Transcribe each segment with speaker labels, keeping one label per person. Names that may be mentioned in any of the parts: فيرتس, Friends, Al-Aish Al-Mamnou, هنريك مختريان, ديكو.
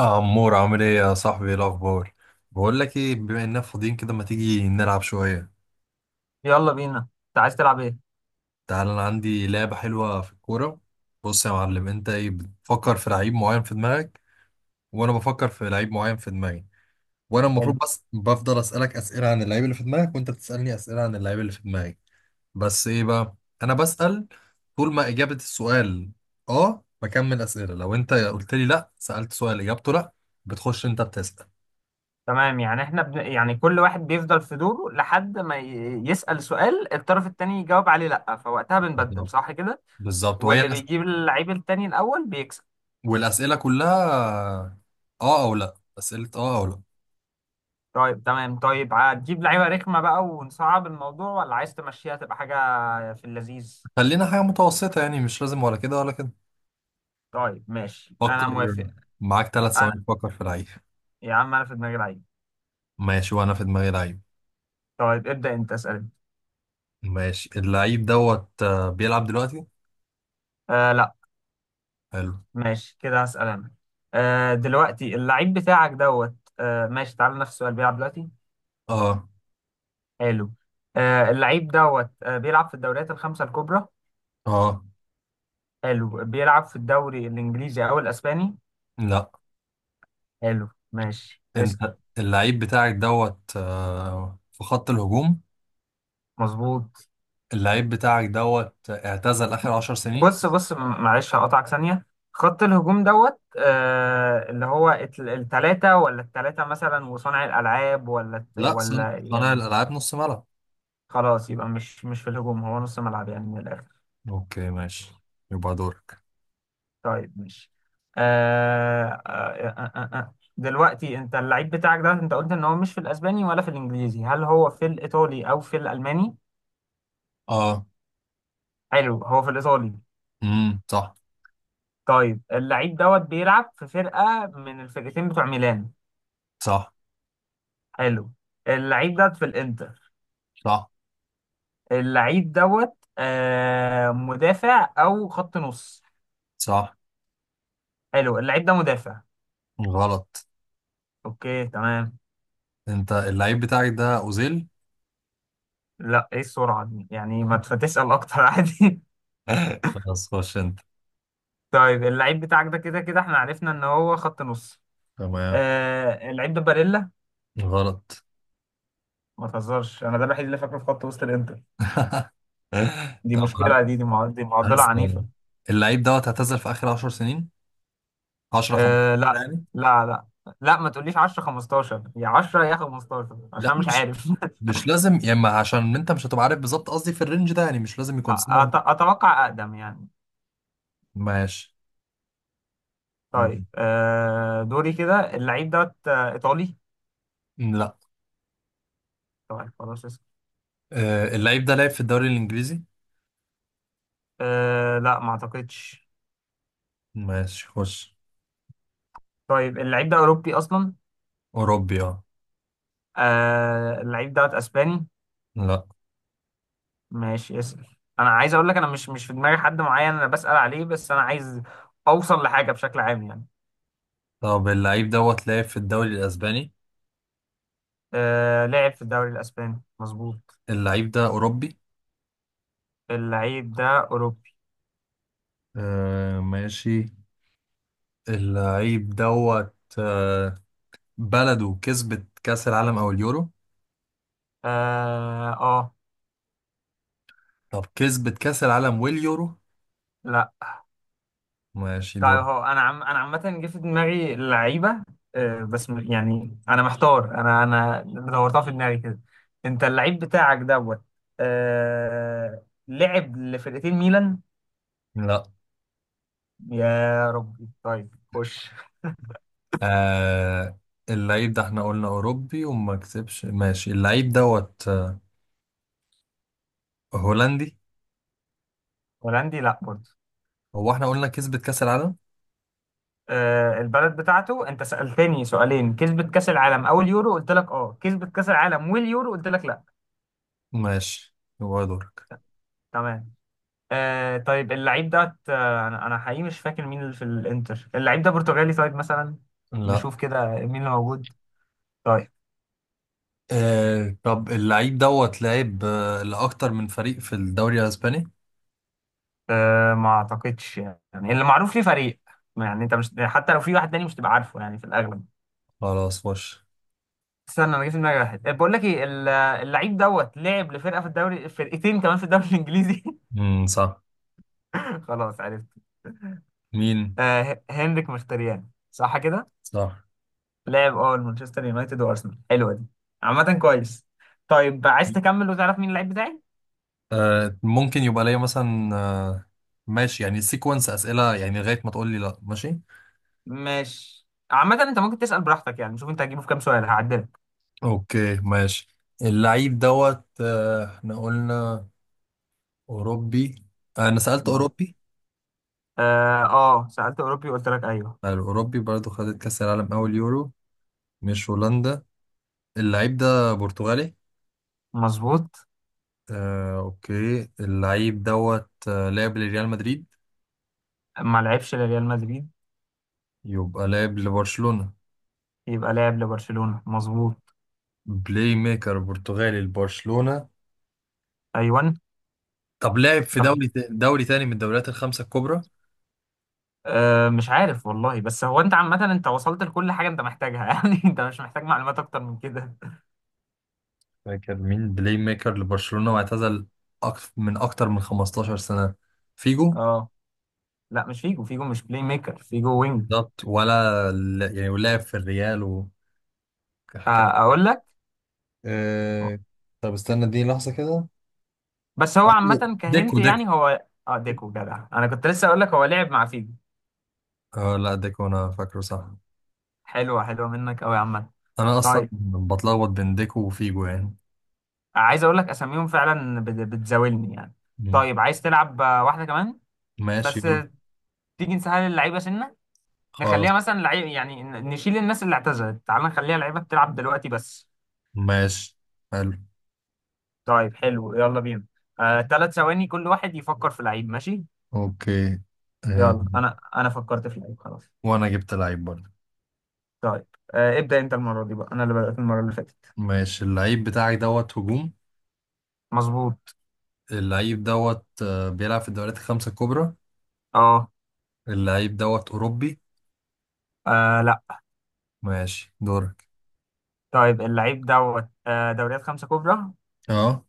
Speaker 1: آه، عمور عامل ايه يا صاحبي؟ ايه الاخبار؟ بقول لك ايه، بما اننا فاضيين كده ما تيجي نلعب شويه؟
Speaker 2: يلا بينا. انت عايز تلعب ايه؟
Speaker 1: تعال انا عندي لعبه حلوه في الكوره. بص يا معلم، انت ايه بتفكر في لعيب معين في دماغك، وانا بفكر في لعيب معين في دماغي، وانا
Speaker 2: حلو.
Speaker 1: المفروض بس بفضل اسالك اسئله عن اللعيب اللي في دماغك وانت بتسالني اسئله عن اللعيب اللي في دماغي. بس ايه بقى، انا بسال طول ما اجابه السؤال اه بكمل اسئله، لو انت قلت لي لا سالت سؤال اجابته لا بتخش انت بتسال.
Speaker 2: تمام، يعني احنا يعني كل واحد بيفضل في دوره لحد ما يسأل سؤال، الطرف التاني يجاوب عليه لأ، فوقتها بنبدل،
Speaker 1: بالظبط.
Speaker 2: صح كده؟
Speaker 1: بالظبط، وهي
Speaker 2: واللي بيجيب
Speaker 1: الأسئلة.
Speaker 2: اللعيب التاني الأول بيكسب.
Speaker 1: والأسئلة كلها اه او لا، أسئلة اه او لا.
Speaker 2: طيب تمام. طيب هتجيب لعيبة رخمة بقى ونصعب الموضوع، ولا عايز تمشيها تبقى حاجة في اللذيذ؟
Speaker 1: خلينا حاجة متوسطة، يعني مش لازم ولا كده ولا كده.
Speaker 2: طيب ماشي
Speaker 1: فكر،
Speaker 2: أنا موافق.
Speaker 1: معاك ثلاث
Speaker 2: أنا...
Speaker 1: ثواني تفكر في لعيب.
Speaker 2: يا عم أنا في دماغي لعيب.
Speaker 1: ماشي، وانا في دماغي لعيب.
Speaker 2: طيب ابدأ أنت اسأل.
Speaker 1: ماشي، اللعيب دوت بيلعب دلوقتي.
Speaker 2: آه لا.
Speaker 1: حلو.
Speaker 2: ماشي كده هسأل أنا. آه دلوقتي اللعيب بتاعك دوت آه، ماشي، تعال نفس السؤال: بيلعب دلوقتي.
Speaker 1: اه.
Speaker 2: حلو. آه اللعيب دوت آه بيلعب في الدوريات الخمسة الكبرى.
Speaker 1: اه.
Speaker 2: حلو. بيلعب في الدوري الإنجليزي أو الأسباني؟
Speaker 1: لا.
Speaker 2: حلو ماشي اسأل.
Speaker 1: انت اللعيب بتاعك دوت في خط الهجوم.
Speaker 2: مظبوط.
Speaker 1: اللعيب بتاعك دوت اعتزل آخر عشر سنين.
Speaker 2: بص بص معلش هقطعك ثانية. خط الهجوم دوت آه، اللي هو التلاتة ولا التلاتة مثلا، وصانع الألعاب، ولا
Speaker 1: لا، صانع
Speaker 2: يعني...
Speaker 1: الألعاب نص ملعب.
Speaker 2: خلاص يبقى مش في الهجوم، هو نص ملعب يعني من الآخر.
Speaker 1: اوكي ماشي، يبقى دورك.
Speaker 2: طيب ماشي. دلوقتي انت اللعيب بتاعك ده، انت قلت ان هو مش في الاسباني ولا في الانجليزي، هل هو في الايطالي او في الالماني؟
Speaker 1: اه.
Speaker 2: حلو هو في الايطالي.
Speaker 1: امم، صح.
Speaker 2: طيب اللعيب دوت بيلعب في فرقة من الفرقتين بتوع ميلان.
Speaker 1: صح.
Speaker 2: حلو. اللعيب ده في الانتر.
Speaker 1: صح.
Speaker 2: اللعيب دوت آه، مدافع او خط نص.
Speaker 1: صح.
Speaker 2: حلو اللعيب ده مدافع.
Speaker 1: غلط.
Speaker 2: اوكي تمام.
Speaker 1: انت اللعيب بتاعك ده اوزيل؟
Speaker 2: لا، ايه السرعة دي؟ يعني ما تسأل اكتر عادي.
Speaker 1: خلاص خش انت.
Speaker 2: طيب اللعيب بتاعك ده، كده كده احنا عرفنا ان هو خط نص.
Speaker 1: تمام.
Speaker 2: آه اللعيب ده باريلا.
Speaker 1: غلط.
Speaker 2: ما تهزرش، انا ده الوحيد اللي فاكره في خط وسط الانتر. دي
Speaker 1: طب
Speaker 2: مشكله،
Speaker 1: هات-
Speaker 2: دي معضله
Speaker 1: هسأل.
Speaker 2: عنيفه.
Speaker 1: اللعيب دوت اعتزل في اخر 10 سنين، 10
Speaker 2: آه
Speaker 1: 15
Speaker 2: لا.
Speaker 1: يعني.
Speaker 2: لا لا. لا ما تقوليش 10 15، يا 10 يا 15،
Speaker 1: لا،
Speaker 2: عشان مش
Speaker 1: مش
Speaker 2: عارف.
Speaker 1: مش لازم يا اما، عشان انت مش هتبقى عارف بالظبط قصدي في الرينج ده، يعني مش لازم يكون سنة.
Speaker 2: اتوقع اقدم يعني.
Speaker 1: ماشي.
Speaker 2: طيب آه دوري كده، اللعيب دوت آه، ايطالي؟
Speaker 1: لا.
Speaker 2: طيب خلاص اسكت.
Speaker 1: آه، اللعيب ده لعب في الدوري الانجليزي.
Speaker 2: آه لا ما اعتقدش.
Speaker 1: ماشي خش.
Speaker 2: طيب اللعيب ده اوروبي اصلا؟
Speaker 1: اوروبي اه.
Speaker 2: آه اللعيب دوت اسباني؟
Speaker 1: لا.
Speaker 2: ماشي اسأل. انا عايز اقول لك، انا مش في دماغي حد معين انا بسأل عليه، بس انا عايز اوصل لحاجة بشكل عام يعني.
Speaker 1: طب اللعيب دوت لعب في الدوري الاسباني.
Speaker 2: آه لعب في الدوري الاسباني مظبوط.
Speaker 1: اللعيب ده اوروبي.
Speaker 2: اللعيب ده اوروبي.
Speaker 1: آه ماشي. اللعيب دوت بلده كسبت كأس العالم أو اليورو؟
Speaker 2: اه, آه.
Speaker 1: طب كسبت كأس العالم واليورو؟
Speaker 2: لا.
Speaker 1: ماشي
Speaker 2: طيب
Speaker 1: دول.
Speaker 2: هو انا عامة جه في دماغي لعيبة. آه بس يعني انا محتار، انا دورتها في دماغي كده. انت اللعيب بتاعك دوت آه، لعب لفرقتين ميلان؟
Speaker 1: لا.
Speaker 2: يا ربي. طيب خش.
Speaker 1: آه، اللعيب ده احنا قلنا أوروبي وما كسبش، ماشي اللعيب دوت هولندي.
Speaker 2: هولندي لا برضه.
Speaker 1: هو احنا قلنا كسبت كأس العالم.
Speaker 2: آه، البلد بتاعته، انت سألتني سؤالين كسبت كأس العالم او اليورو قلت لك اه، كسبت كأس العالم واليورو قلت لك لا.
Speaker 1: ماشي يبقى دورك.
Speaker 2: تمام. آه طيب اللعيب ده آه، أنا حقيقي مش فاكر مين اللي في الانتر. اللعيب ده برتغالي طيب مثلا؟
Speaker 1: لا.
Speaker 2: نشوف كده مين اللي موجود. طيب
Speaker 1: آه طب اللعيب دوت لعب لأكتر من فريق في الدوري الأسباني.
Speaker 2: آه ما اعتقدش يعني، اللي معروف ليه فريق، يعني انت مش حتى لو في واحد تاني مش تبقى عارفه يعني في الاغلب.
Speaker 1: خلاص وش.
Speaker 2: استنى، انا جه في دماغي واحد. آه، بقول لك ايه، اللعيب دوت لعب لفرقه في الدوري، فرقتين كمان في الدوري الانجليزي.
Speaker 1: مم، صح.
Speaker 2: خلاص عرفت.
Speaker 1: مين؟
Speaker 2: آه هنريك مختريان، صح كده؟
Speaker 1: صح.
Speaker 2: لاعب اه مانشستر يونايتد وارسنال. حلوه دي، عامة كويس. طيب عايز تكمل وتعرف مين اللعيب بتاعي؟
Speaker 1: آه، ممكن يبقى ليا مثلا آه، ماشي يعني سيكونس أسئلة يعني لغاية ما تقول لي لا، ماشي.
Speaker 2: ماشي. عامة انت ممكن تسأل براحتك، يعني شوف انت هتجيبه في كام سؤال هعدلك.
Speaker 1: اوكي ماشي. اللعيب دوت احنا قلنا أوروبي. آه، انا سألت
Speaker 2: مظبوط.
Speaker 1: أوروبي.
Speaker 2: اه اه، سألت اوروبي وقلت لك ايوه.
Speaker 1: آه، الأوروبي برضو خدت كأس العالم أول يورو، مش هولندا. اللعيب ده برتغالي.
Speaker 2: مظبوط.
Speaker 1: آه، اوكي. اللعيب دوت لعب لريال مدريد.
Speaker 2: ما لعبش لريال مدريد.
Speaker 1: يبقى لعب لبرشلونة.
Speaker 2: يبقى لاعب لبرشلونة مظبوط.
Speaker 1: بلاي ميكر برتغالي لبرشلونة.
Speaker 2: ايوه.
Speaker 1: طب لعب في
Speaker 2: طب-
Speaker 1: دوري تاني من الدوريات الخمسة الكبرى؟
Speaker 2: آه مش عارف والله، بس هو انت عامة انت وصلت لكل حاجة انت محتاجها. يعني انت مش محتاج معلومات اكتر من كده.
Speaker 1: فاكر مين بلاي ميكر لبرشلونة واعتزل أكتر من 15 سنة؟ فيجو.
Speaker 2: اه لا مش فيجو، فيجو مش بلاي ميكر، فيجو وينج.
Speaker 1: بالظبط، يعني ولعب في الريال و
Speaker 2: آه،
Speaker 1: كان-
Speaker 2: اقول لك.
Speaker 1: أه... طب استنى دي لحظة كده.
Speaker 2: بس هو عامة
Speaker 1: ديكو
Speaker 2: كهنت،
Speaker 1: ديكو
Speaker 2: يعني هو اه ديكو جدع، انا كنت لسه اقول لك هو لعب مع فيجو.
Speaker 1: اه لا ديكو، أنا فاكره صح.
Speaker 2: حلوة حلوة منك قوي يا عم.
Speaker 1: أنا أصلا
Speaker 2: طيب
Speaker 1: بتلخبط بين ديكو وفيجو يعني.
Speaker 2: عايز اقول لك اساميهم فعلا بتزاولني يعني.
Speaker 1: مم.
Speaker 2: طيب عايز تلعب آه، واحدة كمان؟
Speaker 1: ماشي
Speaker 2: بس
Speaker 1: يلا.
Speaker 2: آه، تيجي نسهل اللعيبة سنة، نخليها
Speaker 1: خلاص.
Speaker 2: مثلا لعيب يعني نشيل الناس اللي اعتزلت، تعال نخليها لعيبة بتلعب دلوقتي بس.
Speaker 1: ماشي. حلو.
Speaker 2: طيب حلو يلا بينا. آه، 3 ثواني كل واحد يفكر في لعيب، ماشي.
Speaker 1: أوكي. أه...
Speaker 2: يلا انا فكرت في لعيب خلاص.
Speaker 1: وأنا جبت لعيب برضه.
Speaker 2: طيب آه ابدأ انت المرة دي بقى، انا اللي بدأت المرة اللي فاتت.
Speaker 1: ماشي، اللعيب بتاعك دوت هجوم.
Speaker 2: مظبوط.
Speaker 1: اللعيب دوت بيلعب في الدوريات الخمسة الكبرى.
Speaker 2: اه.
Speaker 1: اللعيب دوت أوروبي.
Speaker 2: آه، لا.
Speaker 1: ماشي دورك.
Speaker 2: طيب اللعيب دوت آه، دوريات خمسة كبرى.
Speaker 1: اه.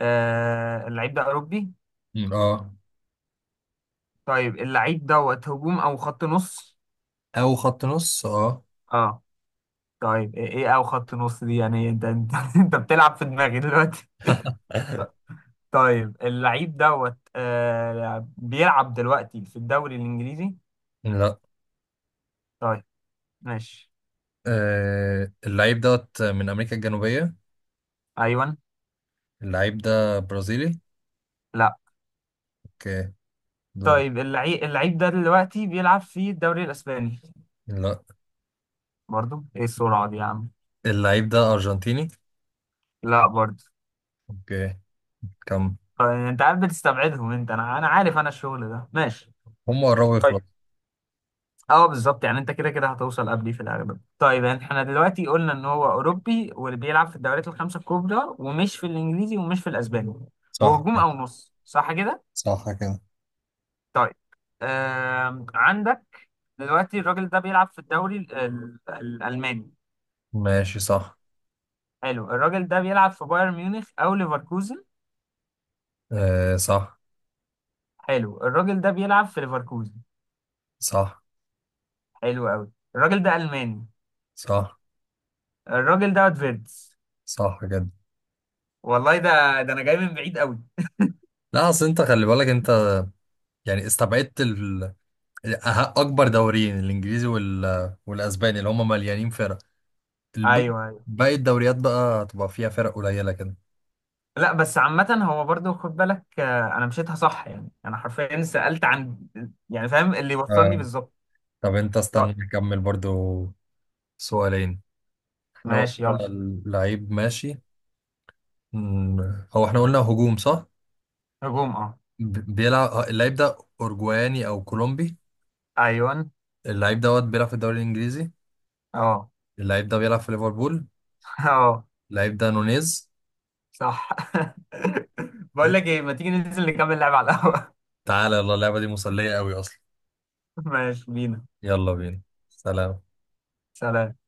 Speaker 2: آه اللعيب ده أوروبي.
Speaker 1: اه.
Speaker 2: طيب اللعيب دوت هجوم او خط نص.
Speaker 1: أو خط نص اه.
Speaker 2: اه. طيب ايه إيه او خط نص دي؟ يعني انت, انت بتلعب في دماغي دلوقتي. طيب اللعيب دوت آه، بيلعب دلوقتي في الدوري الإنجليزي؟
Speaker 1: لا.
Speaker 2: طيب ماشي.
Speaker 1: آه، اللعيب دوت من أمريكا الجنوبية.
Speaker 2: ايوه.
Speaker 1: اللعيب ده برازيلي؟
Speaker 2: لا.
Speaker 1: اوكي دورك.
Speaker 2: طيب اللعيب ده دلوقتي بيلعب في الدوري الإسباني؟
Speaker 1: لا.
Speaker 2: برضو ايه السرعة دي يا عم.
Speaker 1: اللعيب ده أرجنتيني؟
Speaker 2: لا برضو.
Speaker 1: اوكي. كم؟
Speaker 2: طيب، انت عارف بتستبعدهم، انت انا انا عارف انا الشغل ده ماشي.
Speaker 1: هم قربوا يخلصوا.
Speaker 2: طيب. اه بالظبط، يعني انت كده كده هتوصل قبلي في الاغلب. طيب يعني احنا دلوقتي قلنا ان هو اوروبي، واللي بيلعب في الدوريات الخمسة الكبرى، ومش في الانجليزي ومش في الاسباني،
Speaker 1: صح
Speaker 2: وهجوم
Speaker 1: كده.
Speaker 2: او نص، صح كده؟
Speaker 1: صح كده.
Speaker 2: طيب عندك. دلوقتي الراجل ده بيلعب في الدوري الالماني.
Speaker 1: ماشي صح.
Speaker 2: حلو. الراجل ده بيلعب في بايرن ميونخ او ليفركوزن.
Speaker 1: آه صح.
Speaker 2: حلو الراجل ده بيلعب في ليفركوزن.
Speaker 1: صح.
Speaker 2: حلو قوي. الراجل ده ألماني.
Speaker 1: صح.
Speaker 2: الراجل ده فيرتس.
Speaker 1: صح كده.
Speaker 2: والله ده، ده انا جاي من بعيد قوي.
Speaker 1: لا أصل أنت خلي بالك أنت، يعني استبعدت اكبر دوريين، الانجليزي وال... والاسباني اللي هم مليانين فرق. الب...
Speaker 2: ايوه ايوه.
Speaker 1: باقي الدوريات بقى هتبقى فيها فرق قليله كده.
Speaker 2: لا بس عامة هو برضو خد بالك آه، انا مشيتها صح، يعني انا حرفيا سألت عن، يعني فاهم اللي وصلني
Speaker 1: آه.
Speaker 2: بالظبط.
Speaker 1: طب انت
Speaker 2: طيب،
Speaker 1: استنى نكمل برضو سؤالين. احنا
Speaker 2: ماشي يلا.
Speaker 1: قلنا اللعيب ماشي. مم، هو احنا قلنا هجوم صح.
Speaker 2: هجوم اه.
Speaker 1: بيلعب اللعيب ده اورجواني او كولومبي؟
Speaker 2: ايوه
Speaker 1: اللعيب دوت بيلعب في الدوري الانجليزي.
Speaker 2: اه.
Speaker 1: اللعيب ده بيلعب في ليفربول.
Speaker 2: اه
Speaker 1: اللعيب ده نونيز.
Speaker 2: صح. بقول لك ايه، ما تيجي ننزل نكمل لعب على القهوة؟
Speaker 1: تعالى يلا، اللعبه دي مسليه قوي اصلا.
Speaker 2: ماشي بينا.
Speaker 1: يلا بينا. سلام.
Speaker 2: سلام.